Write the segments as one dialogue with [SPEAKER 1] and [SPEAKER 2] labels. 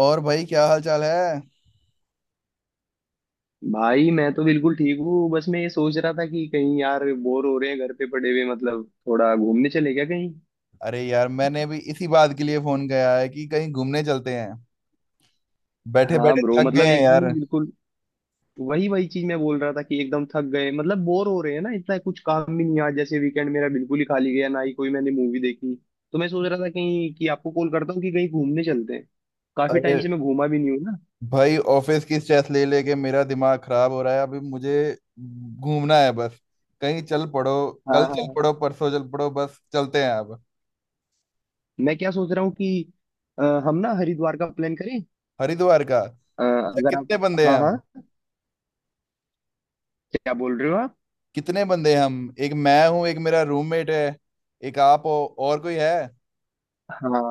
[SPEAKER 1] और भाई, क्या हाल चाल है?
[SPEAKER 2] भाई मैं तो बिल्कुल ठीक हूँ। बस मैं ये सोच रहा था कि कहीं यार बोर हो रहे हैं घर पे पड़े हुए, मतलब थोड़ा घूमने चले क्या कहीं।
[SPEAKER 1] अरे यार, मैंने भी इसी बात के लिए फोन किया है कि कहीं घूमने चलते हैं। बैठे
[SPEAKER 2] हाँ
[SPEAKER 1] बैठे
[SPEAKER 2] ब्रो,
[SPEAKER 1] थक गए
[SPEAKER 2] मतलब
[SPEAKER 1] हैं
[SPEAKER 2] एकदम ही
[SPEAKER 1] यार।
[SPEAKER 2] बिल्कुल वही वही चीज मैं बोल रहा था कि एकदम थक गए, मतलब बोर हो रहे हैं ना, इतना कुछ काम भी नहीं है। आज जैसे वीकेंड मेरा बिल्कुल ही खाली गया, ना ही कोई मैंने मूवी देखी। तो मैं सोच रहा था कहीं कि आपको कॉल करता हूँ कि कहीं घूमने चलते हैं। काफी
[SPEAKER 1] अरे
[SPEAKER 2] टाइम से मैं घूमा भी नहीं हूँ ना।
[SPEAKER 1] भाई, ऑफिस की स्ट्रेस ले लेके मेरा दिमाग खराब हो रहा है। अभी मुझे घूमना है बस। कहीं चल पड़ो,
[SPEAKER 2] हाँ
[SPEAKER 1] कल चल
[SPEAKER 2] हाँ।
[SPEAKER 1] पड़ो, परसों चल पड़ो, बस चलते हैं अब।
[SPEAKER 2] मैं क्या सोच रहा हूँ कि हम ना हरिद्वार का प्लान करें।
[SPEAKER 1] हरिद्वार का? अच्छा,
[SPEAKER 2] अगर आप।
[SPEAKER 1] कितने बंदे हैं
[SPEAKER 2] हाँ हाँ।
[SPEAKER 1] हम?
[SPEAKER 2] क्या बोल रहे हो आप?
[SPEAKER 1] कितने बंदे हैं हम? एक मैं हूँ, एक मेरा रूममेट है। एक आप हो। और कोई है?
[SPEAKER 2] हाँ।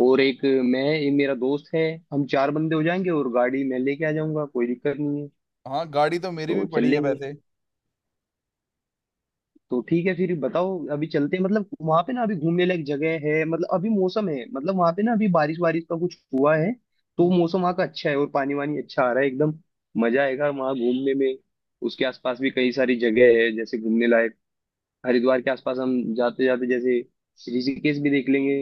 [SPEAKER 2] और एक, मैं ये मेरा दोस्त है। हम चार बंदे हो जाएंगे और गाड़ी मैं लेके आ जाऊंगा, कोई दिक्कत नहीं है।
[SPEAKER 1] हाँ, गाड़ी तो मेरी
[SPEAKER 2] तो
[SPEAKER 1] भी
[SPEAKER 2] चल
[SPEAKER 1] पड़ी है
[SPEAKER 2] लेंगे।
[SPEAKER 1] वैसे।
[SPEAKER 2] तो ठीक है फिर, बताओ अभी चलते हैं, मतलब वहां पे ना अभी घूमने लायक जगह है, मतलब अभी मौसम है, मतलब वहां पे ना अभी बारिश बारिश का कुछ हुआ है। तो मौसम वहाँ का अच्छा है और पानी वानी अच्छा आ रहा है एकदम। मजा आएगा वहाँ घूमने में। उसके आसपास भी कई सारी जगह है जैसे घूमने लायक। हरिद्वार के आसपास हम जाते जाते जैसे ऋषिकेश भी देख लेंगे।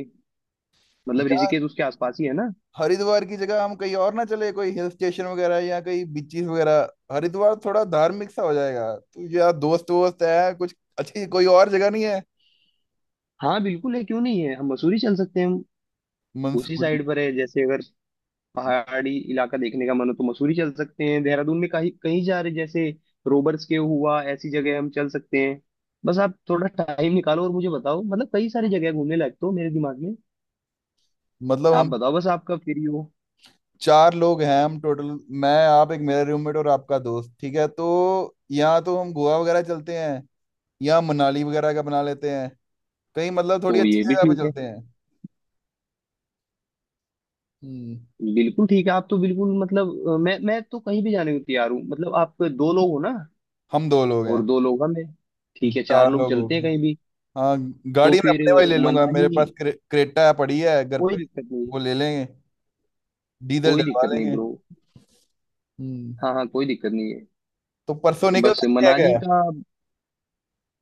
[SPEAKER 2] मतलब ऋषिकेश उसके आसपास ही है ना।
[SPEAKER 1] हरिद्वार की जगह हम कहीं और ना चले? कोई हिल स्टेशन वगैरह, या कहीं बीचीज वगैरह। हरिद्वार थोड़ा धार्मिक सा हो जाएगा, तो यार, दोस्त वोस्त है, कुछ अच्छी कोई और जगह नहीं है?
[SPEAKER 2] हाँ बिल्कुल है, क्यों नहीं है, हम मसूरी चल सकते हैं। उसी
[SPEAKER 1] मंसूरी?
[SPEAKER 2] साइड पर है जैसे, अगर पहाड़ी इलाका देखने का मन हो तो मसूरी चल सकते हैं, देहरादून में कहीं कहीं जा रहे जैसे रोबर्स के हुआ ऐसी जगह हम चल सकते हैं। बस आप थोड़ा टाइम निकालो और मुझे बताओ, मतलब कई सारी जगह है घूमने लायक तो मेरे दिमाग में।
[SPEAKER 1] मतलब
[SPEAKER 2] आप
[SPEAKER 1] हम।
[SPEAKER 2] बताओ बस आपका फ्री हो।
[SPEAKER 1] चार लोग हैं हम टोटल। मैं, आप, एक मेरा रूममेट और आपका दोस्त, ठीक है? तो यहाँ तो हम गोवा वगैरह चलते हैं, या मनाली वगैरह का बना लेते हैं। कहीं, मतलब थोड़ी
[SPEAKER 2] तो
[SPEAKER 1] अच्छी
[SPEAKER 2] ये भी
[SPEAKER 1] जगह पे
[SPEAKER 2] ठीक है।
[SPEAKER 1] चलते हैं। हम्म।
[SPEAKER 2] बिल्कुल ठीक है, आप तो बिल्कुल मतलब मैं तो कहीं भी जाने को तैयार हूँ, मतलब आप दो लोग हो ना,
[SPEAKER 1] हम दो लोग हैं।
[SPEAKER 2] और दो लोग हम हैं। ठीक है, चार
[SPEAKER 1] चार
[SPEAKER 2] लोग
[SPEAKER 1] लोग हो
[SPEAKER 2] चलते हैं
[SPEAKER 1] गए।
[SPEAKER 2] कहीं भी।
[SPEAKER 1] हाँ।
[SPEAKER 2] तो
[SPEAKER 1] गाड़ी मैं
[SPEAKER 2] फिर
[SPEAKER 1] अपने वाली ले लूंगा, मेरे
[SPEAKER 2] मनाली,
[SPEAKER 1] पास क्रेटा पड़ी है घर पे।
[SPEAKER 2] कोई दिक्कत नहीं।
[SPEAKER 1] वो ले लेंगे, डीजल
[SPEAKER 2] कोई
[SPEAKER 1] डलवा
[SPEAKER 2] दिक्कत नहीं
[SPEAKER 1] लेंगे।
[SPEAKER 2] ब्रो।
[SPEAKER 1] हम्म।
[SPEAKER 2] हाँ हाँ, कोई दिक्कत नहीं।
[SPEAKER 1] तो परसों निकल
[SPEAKER 2] बस
[SPEAKER 1] सकते हैं
[SPEAKER 2] मनाली
[SPEAKER 1] क्या?
[SPEAKER 2] का।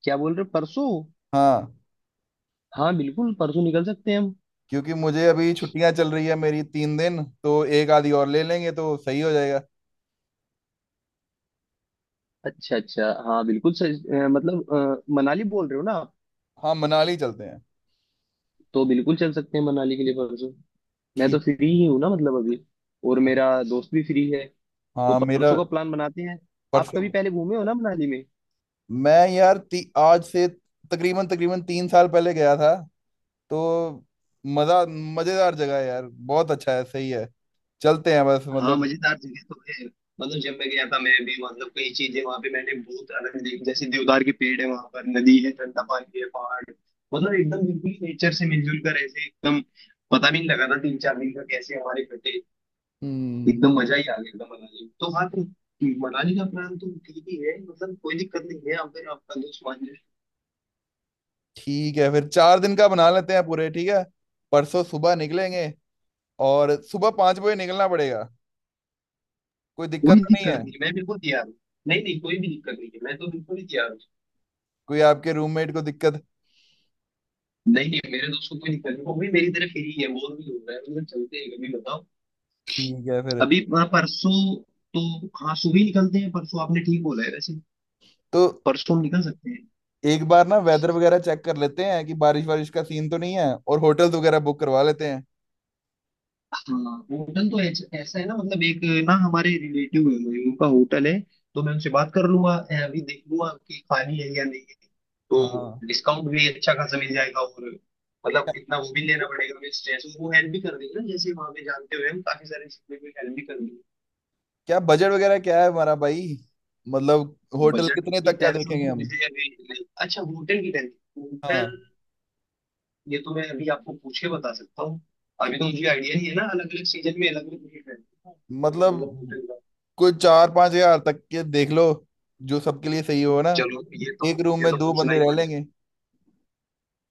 [SPEAKER 2] क्या बोल रहे हो, परसों?
[SPEAKER 1] हाँ,
[SPEAKER 2] हाँ बिल्कुल परसों निकल सकते हैं हम।
[SPEAKER 1] क्योंकि मुझे अभी छुट्टियां चल रही है मेरी, 3 दिन, तो एक आधी और ले लेंगे तो सही हो जाएगा।
[SPEAKER 2] अच्छा अच्छा, हाँ बिल्कुल सही। मतलब मनाली बोल रहे हो ना आप?
[SPEAKER 1] हाँ, मनाली चलते हैं।
[SPEAKER 2] तो बिल्कुल चल सकते हैं मनाली के लिए परसों। मैं तो
[SPEAKER 1] ठीक।
[SPEAKER 2] फ्री ही हूँ ना, मतलब अभी। और मेरा दोस्त भी फ्री है। तो
[SPEAKER 1] हाँ मेरा।
[SPEAKER 2] परसों का प्लान बनाते हैं। आप कभी
[SPEAKER 1] परसों।
[SPEAKER 2] पहले घूमे हो ना मनाली में?
[SPEAKER 1] मैं यार आज से तकरीबन तकरीबन 3 साल पहले गया था। तो मजा मजेदार जगह है यार। बहुत अच्छा है, सही है। चलते हैं बस,
[SPEAKER 2] हाँ
[SPEAKER 1] मतलब।
[SPEAKER 2] मजेदार जगह तो है। मतलब जब मैं गया था, मैं भी मतलब कई चीजें वहां पे मैंने बहुत अलग देखी, जैसे देवदार के पेड़ है वहां पर, नदी है, ठंडा पानी है, पहाड़ है। मतलब एकदम बिल्कुल नेचर से मिलजुल कर ऐसे एकदम, पता भी नहीं लगा था 3-4 दिन का कैसे हमारे कटे।
[SPEAKER 1] हम्म।
[SPEAKER 2] एकदम मजा ही आ गया एकदम मनाली में। तो हाँ, तो मनाली का प्लान तो ठीक ही है, मतलब कोई दिक्कत नहीं है अगर आपका दोस्त मान जाए।
[SPEAKER 1] ठीक है, फिर 4 दिन का बना लेते हैं पूरे, ठीक है? परसों सुबह निकलेंगे। और सुबह 5 बजे निकलना पड़ेगा। कोई दिक्कत
[SPEAKER 2] कोई
[SPEAKER 1] तो नहीं
[SPEAKER 2] दिक्कत
[SPEAKER 1] है?
[SPEAKER 2] नहीं, मैं बिल्कुल तैयार हूँ। नहीं नहीं, कोई भी दिक्कत नहीं है, मैं तो बिल्कुल ही तैयार हूँ।
[SPEAKER 1] कोई आपके रूममेट को दिक्कत?
[SPEAKER 2] नहीं नहीं, मेरे दोस्त को कोई दिक्कत नहीं, वो भी मेरी तरह फ्री है, बोर भी हो रहा है, मतलब चलते हैं, कभी बताओ।
[SPEAKER 1] ठीक है फिर।
[SPEAKER 2] अभी परसों, तो हाँ सुबह ही निकलते हैं परसों, आपने ठीक बोला है वैसे।
[SPEAKER 1] तो
[SPEAKER 2] परसों हम निकल सकते हैं।
[SPEAKER 1] एक बार ना वेदर वगैरह चेक कर लेते हैं कि बारिश वारिश का सीन तो नहीं है, और होटल्स वगैरह बुक करवा लेते हैं।
[SPEAKER 2] हाँ होटल तो ऐसा है ना, मतलब एक ना हमारे रिलेटिव है वही, उनका होटल है। तो मैं उनसे बात कर लूंगा, अभी देख लूंगा कि खाली है या नहीं है। तो
[SPEAKER 1] हाँ।
[SPEAKER 2] डिस्काउंट भी अच्छा खासा मिल जाएगा, और मतलब इतना वो भी लेना पड़ेगा हमें स्ट्रेस, वो हेल्प भी कर देंगे ना, जैसे वहां पे जानते हुए हम काफी सारे चीजों में हेल्प भी कर देंगे।
[SPEAKER 1] क्या बजट वगैरह क्या है हमारा भाई? मतलब होटल
[SPEAKER 2] बजट
[SPEAKER 1] कितने
[SPEAKER 2] की
[SPEAKER 1] तक का
[SPEAKER 2] टेंशन
[SPEAKER 1] देखेंगे
[SPEAKER 2] तो
[SPEAKER 1] हम?
[SPEAKER 2] मुझे अभी नहीं- अच्छा होटल की टेंशन, होटल
[SPEAKER 1] हाँ,
[SPEAKER 2] ये तो मैं अभी आपको पूछ के बता सकता हूँ। अभी तो मुझे आइडिया नहीं है ना, अलग अलग सीजन में अलग अलग रेट रहते हैं तो, मतलब
[SPEAKER 1] मतलब
[SPEAKER 2] होटल का।
[SPEAKER 1] कोई 4-5 हजार तक के देख लो, जो सबके लिए सही हो ना।
[SPEAKER 2] चलो ये तो,
[SPEAKER 1] एक रूम
[SPEAKER 2] ये
[SPEAKER 1] में
[SPEAKER 2] तो
[SPEAKER 1] दो
[SPEAKER 2] पूछना
[SPEAKER 1] बंदे
[SPEAKER 2] ही
[SPEAKER 1] रह
[SPEAKER 2] पड़ेगा।
[SPEAKER 1] लेंगे।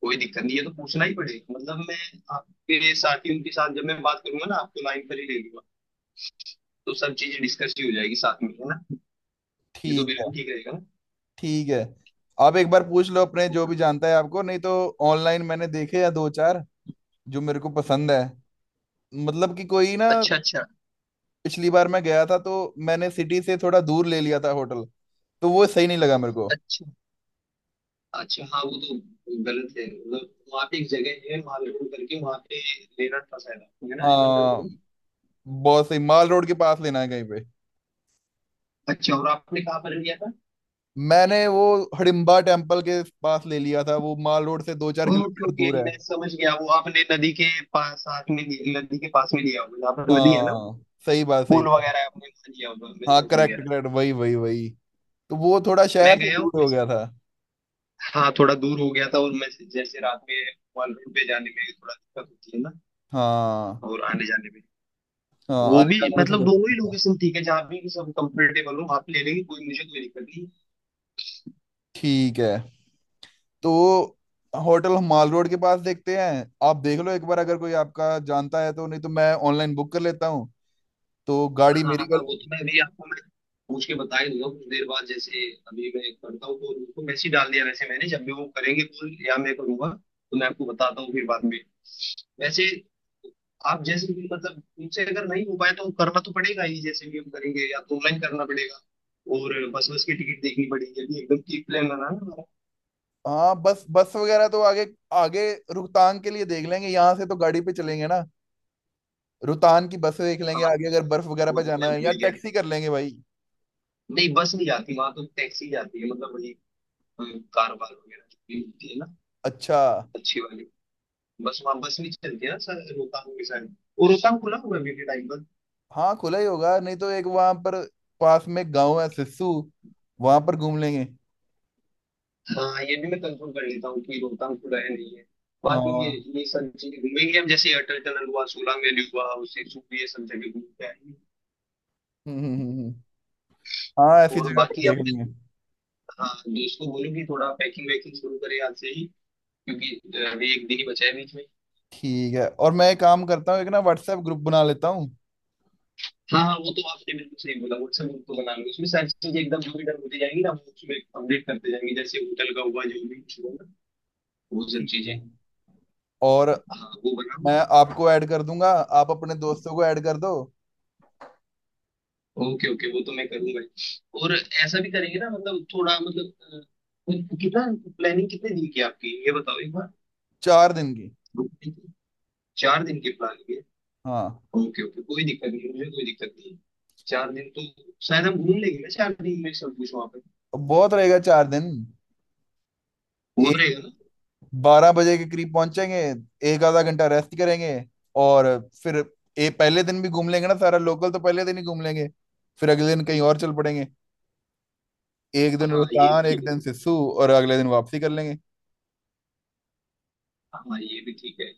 [SPEAKER 2] कोई दिक्कत नहीं, ये तो पूछना ही पड़ेगा, मतलब मैं आपके साथियों के साथ जब मैं बात करूंगा ना, आपको लाइन पर ही ले लूंगा। तो सब चीजें डिस्कस ही हो जाएगी साथ में, है ना। ये तो
[SPEAKER 1] ठीक है।
[SPEAKER 2] बिल्कुल ठीक रहेगा।
[SPEAKER 1] ठीक है। आप एक बार पूछ लो अपने जो
[SPEAKER 2] ना
[SPEAKER 1] भी जानता है आपको, नहीं तो ऑनलाइन मैंने देखे या दो चार, जो मेरे को पसंद है। मतलब कि कोई ना।
[SPEAKER 2] अच्छा अच्छा।
[SPEAKER 1] पिछली बार मैं गया था तो मैंने सिटी से थोड़ा दूर ले लिया था होटल, तो वो सही नहीं लगा मेरे को।
[SPEAKER 2] अच्छा अच्छा, हाँ वो तो गलत है, मतलब वहाँ पे एक जगह है वहाँ पे करके वहाँ पे लेना था शायद आपको, है ना? ऐसा कुछ
[SPEAKER 1] हाँ,
[SPEAKER 2] बोलो।
[SPEAKER 1] बहुत सही, माल रोड के पास लेना है कहीं पे।
[SPEAKER 2] अच्छा, और आपने कहाँ पर लिया था?
[SPEAKER 1] मैंने वो हडिम्बा टेम्पल के पास ले लिया था, वो माल रोड से दो चार
[SPEAKER 2] ओके
[SPEAKER 1] किलोमीटर
[SPEAKER 2] ओके,
[SPEAKER 1] दूर है।
[SPEAKER 2] मैं समझ गया, वो आपने नदी के पास साथ में लिया- नदी के पास में लिया होगा जहाँ पर नदी है ना,
[SPEAKER 1] हाँ, सही बात, सही
[SPEAKER 2] पुल
[SPEAKER 1] बात।
[SPEAKER 2] वगैरह है, आपने वहाँ लिया होगा, मैं
[SPEAKER 1] हाँ,
[SPEAKER 2] समझ गया।
[SPEAKER 1] करेक्ट, करेक्ट, वही वही वही। तो वो थोड़ा
[SPEAKER 2] मैं
[SPEAKER 1] शहर से
[SPEAKER 2] गया हूँ
[SPEAKER 1] दूर हो
[SPEAKER 2] वैसे।
[SPEAKER 1] गया था।
[SPEAKER 2] हाँ थोड़ा दूर हो गया था, और मैं जैसे रात में वन रोड पे जाने में थोड़ा दिक्कत होती है ना,
[SPEAKER 1] हाँ
[SPEAKER 2] और आने जाने में,
[SPEAKER 1] हाँ।
[SPEAKER 2] वो
[SPEAKER 1] आने
[SPEAKER 2] भी
[SPEAKER 1] जाने में
[SPEAKER 2] मतलब, दोनों ही
[SPEAKER 1] तो।
[SPEAKER 2] लोकेशन ठीक है, जहाँ भी सब कंफर्टेबल हो आप ले लेंगे, कोई मुझे कोई दिक्कत नहीं।
[SPEAKER 1] ठीक है। तो होटल हम माल रोड के पास देखते हैं, आप देख लो एक बार अगर कोई आपका जानता है तो, नहीं तो मैं ऑनलाइन बुक कर लेता हूँ। तो गाड़ी
[SPEAKER 2] हाँ
[SPEAKER 1] मेरी
[SPEAKER 2] हाँ,
[SPEAKER 1] गल।
[SPEAKER 2] वो तो मैं अभी आपको, मैं पूछ के बता ही दूंगा कुछ देर बाद जैसे। अभी मैं करता हूँ, तो उनको मैसेज डाल दिया वैसे मैंने, जब भी वो करेंगे कॉल या मैं करूंगा, तो मैं आपको बताता हूँ फिर बाद में वैसे। आप जैसे भी, मतलब उनसे अगर नहीं हो पाए तो करना तो पड़ेगा ही, जैसे भी हम करेंगे, या तो ऑनलाइन करना पड़ेगा। और बस बस की टिकट देखनी पड़ेगी। अभी एकदम ठीक प्लान बना है हमारा।
[SPEAKER 1] हाँ, बस बस वगैरह तो आगे, आगे रोहतांग के लिए देख लेंगे, यहाँ से तो गाड़ी पे चलेंगे ना। रोहतांग की बस देख लेंगे
[SPEAKER 2] हाँ
[SPEAKER 1] आगे, अगर बर्फ वगैरह
[SPEAKER 2] वो
[SPEAKER 1] पे
[SPEAKER 2] तो
[SPEAKER 1] जाना
[SPEAKER 2] मैं
[SPEAKER 1] है
[SPEAKER 2] भूल
[SPEAKER 1] या
[SPEAKER 2] ही गया
[SPEAKER 1] टैक्सी
[SPEAKER 2] था।
[SPEAKER 1] कर लेंगे भाई।
[SPEAKER 2] नहीं, बस नहीं जाती वहां, तो टैक्सी जाती है, मतलब वही अ, कार वार वगैरह जो भी होती है ना,
[SPEAKER 1] अच्छा।
[SPEAKER 2] अच्छी वाली। बस वहाँ बस नहीं चलती है ना सर, रोहतांग के साइड। वो रोहतांग खुला होगा अभी के टाइम पर?
[SPEAKER 1] हाँ, खुला ही होगा, नहीं तो एक वहां पर पास में गाँव है सिस्सू, वहां पर घूम लेंगे।
[SPEAKER 2] हाँ, ये भी मैं कंफर्म कर लेता हूँ कि रोहतांग खुला है नहीं है।
[SPEAKER 1] हाँ,
[SPEAKER 2] बाकी
[SPEAKER 1] हम्म।
[SPEAKER 2] ये सब चीजें घूमेंगे हम, जैसे अटल टनल हुआ, सोलांग वैली हुआ, उसे सूप, ये सब जगह घूम के आएंगे।
[SPEAKER 1] हम्म, हम्म, हम्म। हाँ, ऐसी
[SPEAKER 2] और
[SPEAKER 1] जगह पर
[SPEAKER 2] बाकी
[SPEAKER 1] देख
[SPEAKER 2] अपने,
[SPEAKER 1] लेंगे।
[SPEAKER 2] हाँ दोस्त को बोलो कि थोड़ा पैकिंग वैकिंग शुरू करे आज से ही, क्योंकि अभी 1 दिन ही बचा है बीच में।
[SPEAKER 1] ठीक है, और मैं एक काम करता हूँ, एक ना व्हाट्सएप ग्रुप बना लेता हूँ।
[SPEAKER 2] हाँ हाँ, वो तो आपने बिल्कुल सही बोला, व्हाट्सएप ग्रुप तो बना लो, उसमें सारी चीजें एकदम जो भी डन होती जाएंगी ना, वो उसमें अपडेट करते जाएंगे, जैसे होटल का हुआ, जो भी कुछ होगा, वो सब
[SPEAKER 1] ठीक
[SPEAKER 2] चीजें।
[SPEAKER 1] है। और
[SPEAKER 2] हाँ वो बनाओ।
[SPEAKER 1] मैं आपको ऐड कर दूंगा, आप अपने दोस्तों को ऐड कर दो।
[SPEAKER 2] ओके ओके, वो तो मैं करूंगा ही। और ऐसा भी करेंगे ना, मतलब थोड़ा मतलब कितना प्लानिंग कितने दिन की है आपकी, ये बताओ एक बार।
[SPEAKER 1] 4 दिन की।
[SPEAKER 2] 2 दिन की? चार दिन की प्लानिंग है?
[SPEAKER 1] हाँ,
[SPEAKER 2] ओके ओके, कोई दिक्कत नहीं, मुझे कोई दिक्कत नहीं है। 4 दिन तो शायद हम घूम लेंगे ना, 4 दिन में सब कुछ वहां पे,
[SPEAKER 1] बहुत रहेगा 4 दिन।
[SPEAKER 2] हो
[SPEAKER 1] एक,
[SPEAKER 2] रहेगा ना।
[SPEAKER 1] 12 बजे के करीब पहुंचेंगे। एक आधा घंटा रेस्ट करेंगे। और फिर ए पहले दिन भी घूम लेंगे ना, सारा लोकल तो पहले दिन ही घूम लेंगे। फिर अगले दिन कहीं और चल पड़ेंगे। एक दिन
[SPEAKER 2] हाँ ये भी
[SPEAKER 1] रोहतान, एक
[SPEAKER 2] ठीक है।
[SPEAKER 1] दिन सिस्सू, और अगले दिन वापसी कर लेंगे।
[SPEAKER 2] हाँ ये भी ठीक है।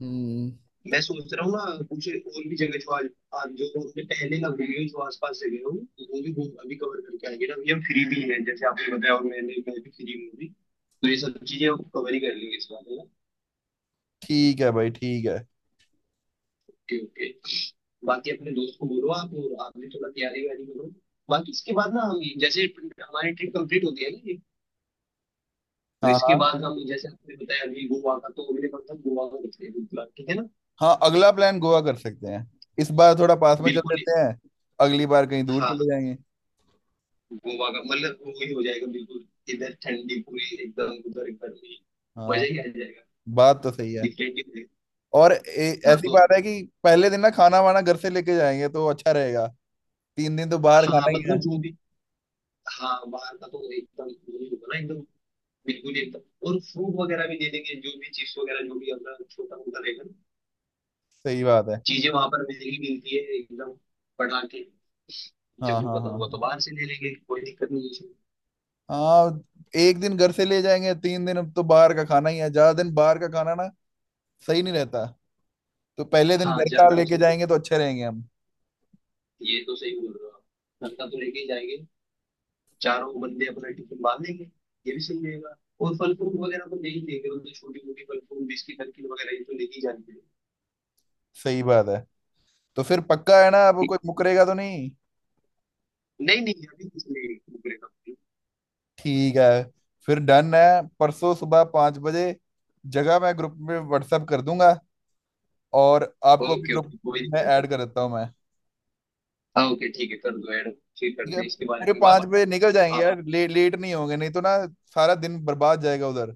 [SPEAKER 1] हम्म।
[SPEAKER 2] मैं सोच रहा हूँ ना कुछ और भी जगह जो आज, आज जो हमने पहले ना घूमी हुई जो आसपास जगह हो, वो भी घूम अभी कवर करके आएंगे ना, अभी हम फ्री भी हैं जैसे आपने बताया, और मैंने मैं भी फ्री हूँ अभी। तो ये सब चीजें कवर ही कर लेंगे इस बार, है ना।
[SPEAKER 1] ठीक है भाई, ठीक है।
[SPEAKER 2] Okay okay. बाकी अपने दोस्त को बोलो आप, और आप भी थोड़ा तैयारी वैयारी करो। बाकी इसके बाद ना हम जैसे, हमारी ट्रिप कंप्लीट होती है ना ये, तो
[SPEAKER 1] हाँ
[SPEAKER 2] इसके
[SPEAKER 1] हाँ।
[SPEAKER 2] बाद हम जैसे आपने बताया, अभी गोवा का, तो अगले मंथ हम गोवा का करते हैं बिल्कुल, ठीक है ना?
[SPEAKER 1] हाँ, अगला प्लान गोवा कर सकते हैं। इस बार थोड़ा पास में चल
[SPEAKER 2] बिल्कुल।
[SPEAKER 1] लेते हैं। अगली बार कहीं दूर चले
[SPEAKER 2] हाँ
[SPEAKER 1] जाएंगे।
[SPEAKER 2] गोवा का मतलब वही हो जाएगा, बिल्कुल इधर ठंडी पूरी एकदम, उधर गर्मी। मजा
[SPEAKER 1] हाँ,
[SPEAKER 2] ही आ जाएगा।
[SPEAKER 1] बात तो सही है।
[SPEAKER 2] डिफरेंट ही रहेगा।
[SPEAKER 1] और
[SPEAKER 2] हाँ
[SPEAKER 1] ऐसी
[SPEAKER 2] तो,
[SPEAKER 1] बात है कि पहले दिन ना खाना वाना घर से लेके जाएंगे तो अच्छा रहेगा। तीन दिन तो बाहर
[SPEAKER 2] हाँ
[SPEAKER 1] खाना ही
[SPEAKER 2] मतलब
[SPEAKER 1] है।
[SPEAKER 2] जो भी, हाँ बाहर का तो एकदम वो नहीं होगा ना एकदम, बिल्कुल ही एकदम। और फ्रूट वगैरह भी दे देंगे, जो भी चिप्स वगैरह जो भी अपना छोटा मोटा रहेगा ना।
[SPEAKER 1] सही बात है।
[SPEAKER 2] चीजें वहां पर महंगी मिलती है एकदम, बढ़ा के।
[SPEAKER 1] हाँ
[SPEAKER 2] जम्मू का
[SPEAKER 1] हाँ हाँ
[SPEAKER 2] तो हुआ तो
[SPEAKER 1] हाँ।
[SPEAKER 2] बाहर से ले लेंगे, कोई दिक्कत नहीं है इसमें।
[SPEAKER 1] हाँ, एक दिन घर से ले जाएंगे, 3 दिन अब तो बाहर का खाना ही है, ज्यादा दिन बाहर का खाना ना सही नहीं रहता। तो पहले दिन
[SPEAKER 2] हाँ
[SPEAKER 1] घर का
[SPEAKER 2] ज्यादा भी
[SPEAKER 1] लेके
[SPEAKER 2] सही।
[SPEAKER 1] जाएंगे तो अच्छे रहेंगे हम।
[SPEAKER 2] ये तो सही बोल रहे हो आप। नलका तो लेके ही जाएंगे, चारों बंदे अपना टिफिन बांध लेंगे, ये भी सही रहेगा। और फल फ्रूट वगैरह तो ले ही लेंगे, मतलब छोटी मोटी फल फ्रूट बिस्किट नमकीन वगैरह ये तो ले ही जानी पड़ेगी।
[SPEAKER 1] सही बात है। तो फिर पक्का है ना, अब कोई मुकरेगा तो नहीं?
[SPEAKER 2] नहीं नहीं अभी कुछ नहीं, ब्रेकअप नहीं।
[SPEAKER 1] ठीक है, फिर डन है। परसों सुबह 5 बजे। जगह मैं ग्रुप में व्हाट्सएप कर दूंगा। और आपको भी
[SPEAKER 2] ओके
[SPEAKER 1] ग्रुप
[SPEAKER 2] ओके, कोई
[SPEAKER 1] में
[SPEAKER 2] दिक्कत
[SPEAKER 1] ऐड
[SPEAKER 2] नहीं।
[SPEAKER 1] कर देता हूँ मैं।
[SPEAKER 2] हाँ ओके ठीक है, कर दो ऐड। फिर
[SPEAKER 1] ठीक
[SPEAKER 2] करते
[SPEAKER 1] है,
[SPEAKER 2] हैं इसके बारे
[SPEAKER 1] पूरे
[SPEAKER 2] में
[SPEAKER 1] पाँच
[SPEAKER 2] बात।
[SPEAKER 1] बजे निकल जाएंगे
[SPEAKER 2] आप
[SPEAKER 1] यार, लेट नहीं होंगे नहीं तो ना सारा दिन बर्बाद जाएगा उधर।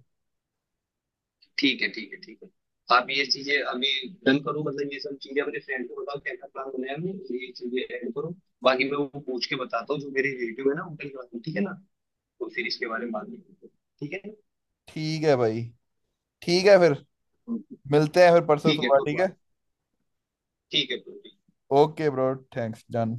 [SPEAKER 2] ठीक है ठीक है ठीक है। आप ये चीजें अभी डन करो, मतलब ये सब चीजें अपने फ्रेंड को बताओ, कैसा प्लान बनाया हमने, ये चीजें ऐड करो। बाकी मैं वो पूछ के बताता हूँ जो मेरे रिलेटिव है ना उनके लिए, ठीक है ना? तो फिर इसके बारे में बात करेंगे। ठीक है
[SPEAKER 1] ठीक है भाई, ठीक है, फिर
[SPEAKER 2] ना?
[SPEAKER 1] मिलते हैं फिर परसों
[SPEAKER 2] ठीक है
[SPEAKER 1] सुबह,
[SPEAKER 2] तो
[SPEAKER 1] ठीक है?
[SPEAKER 2] बात, ठीक है तो।
[SPEAKER 1] Okay bro, thanks, done.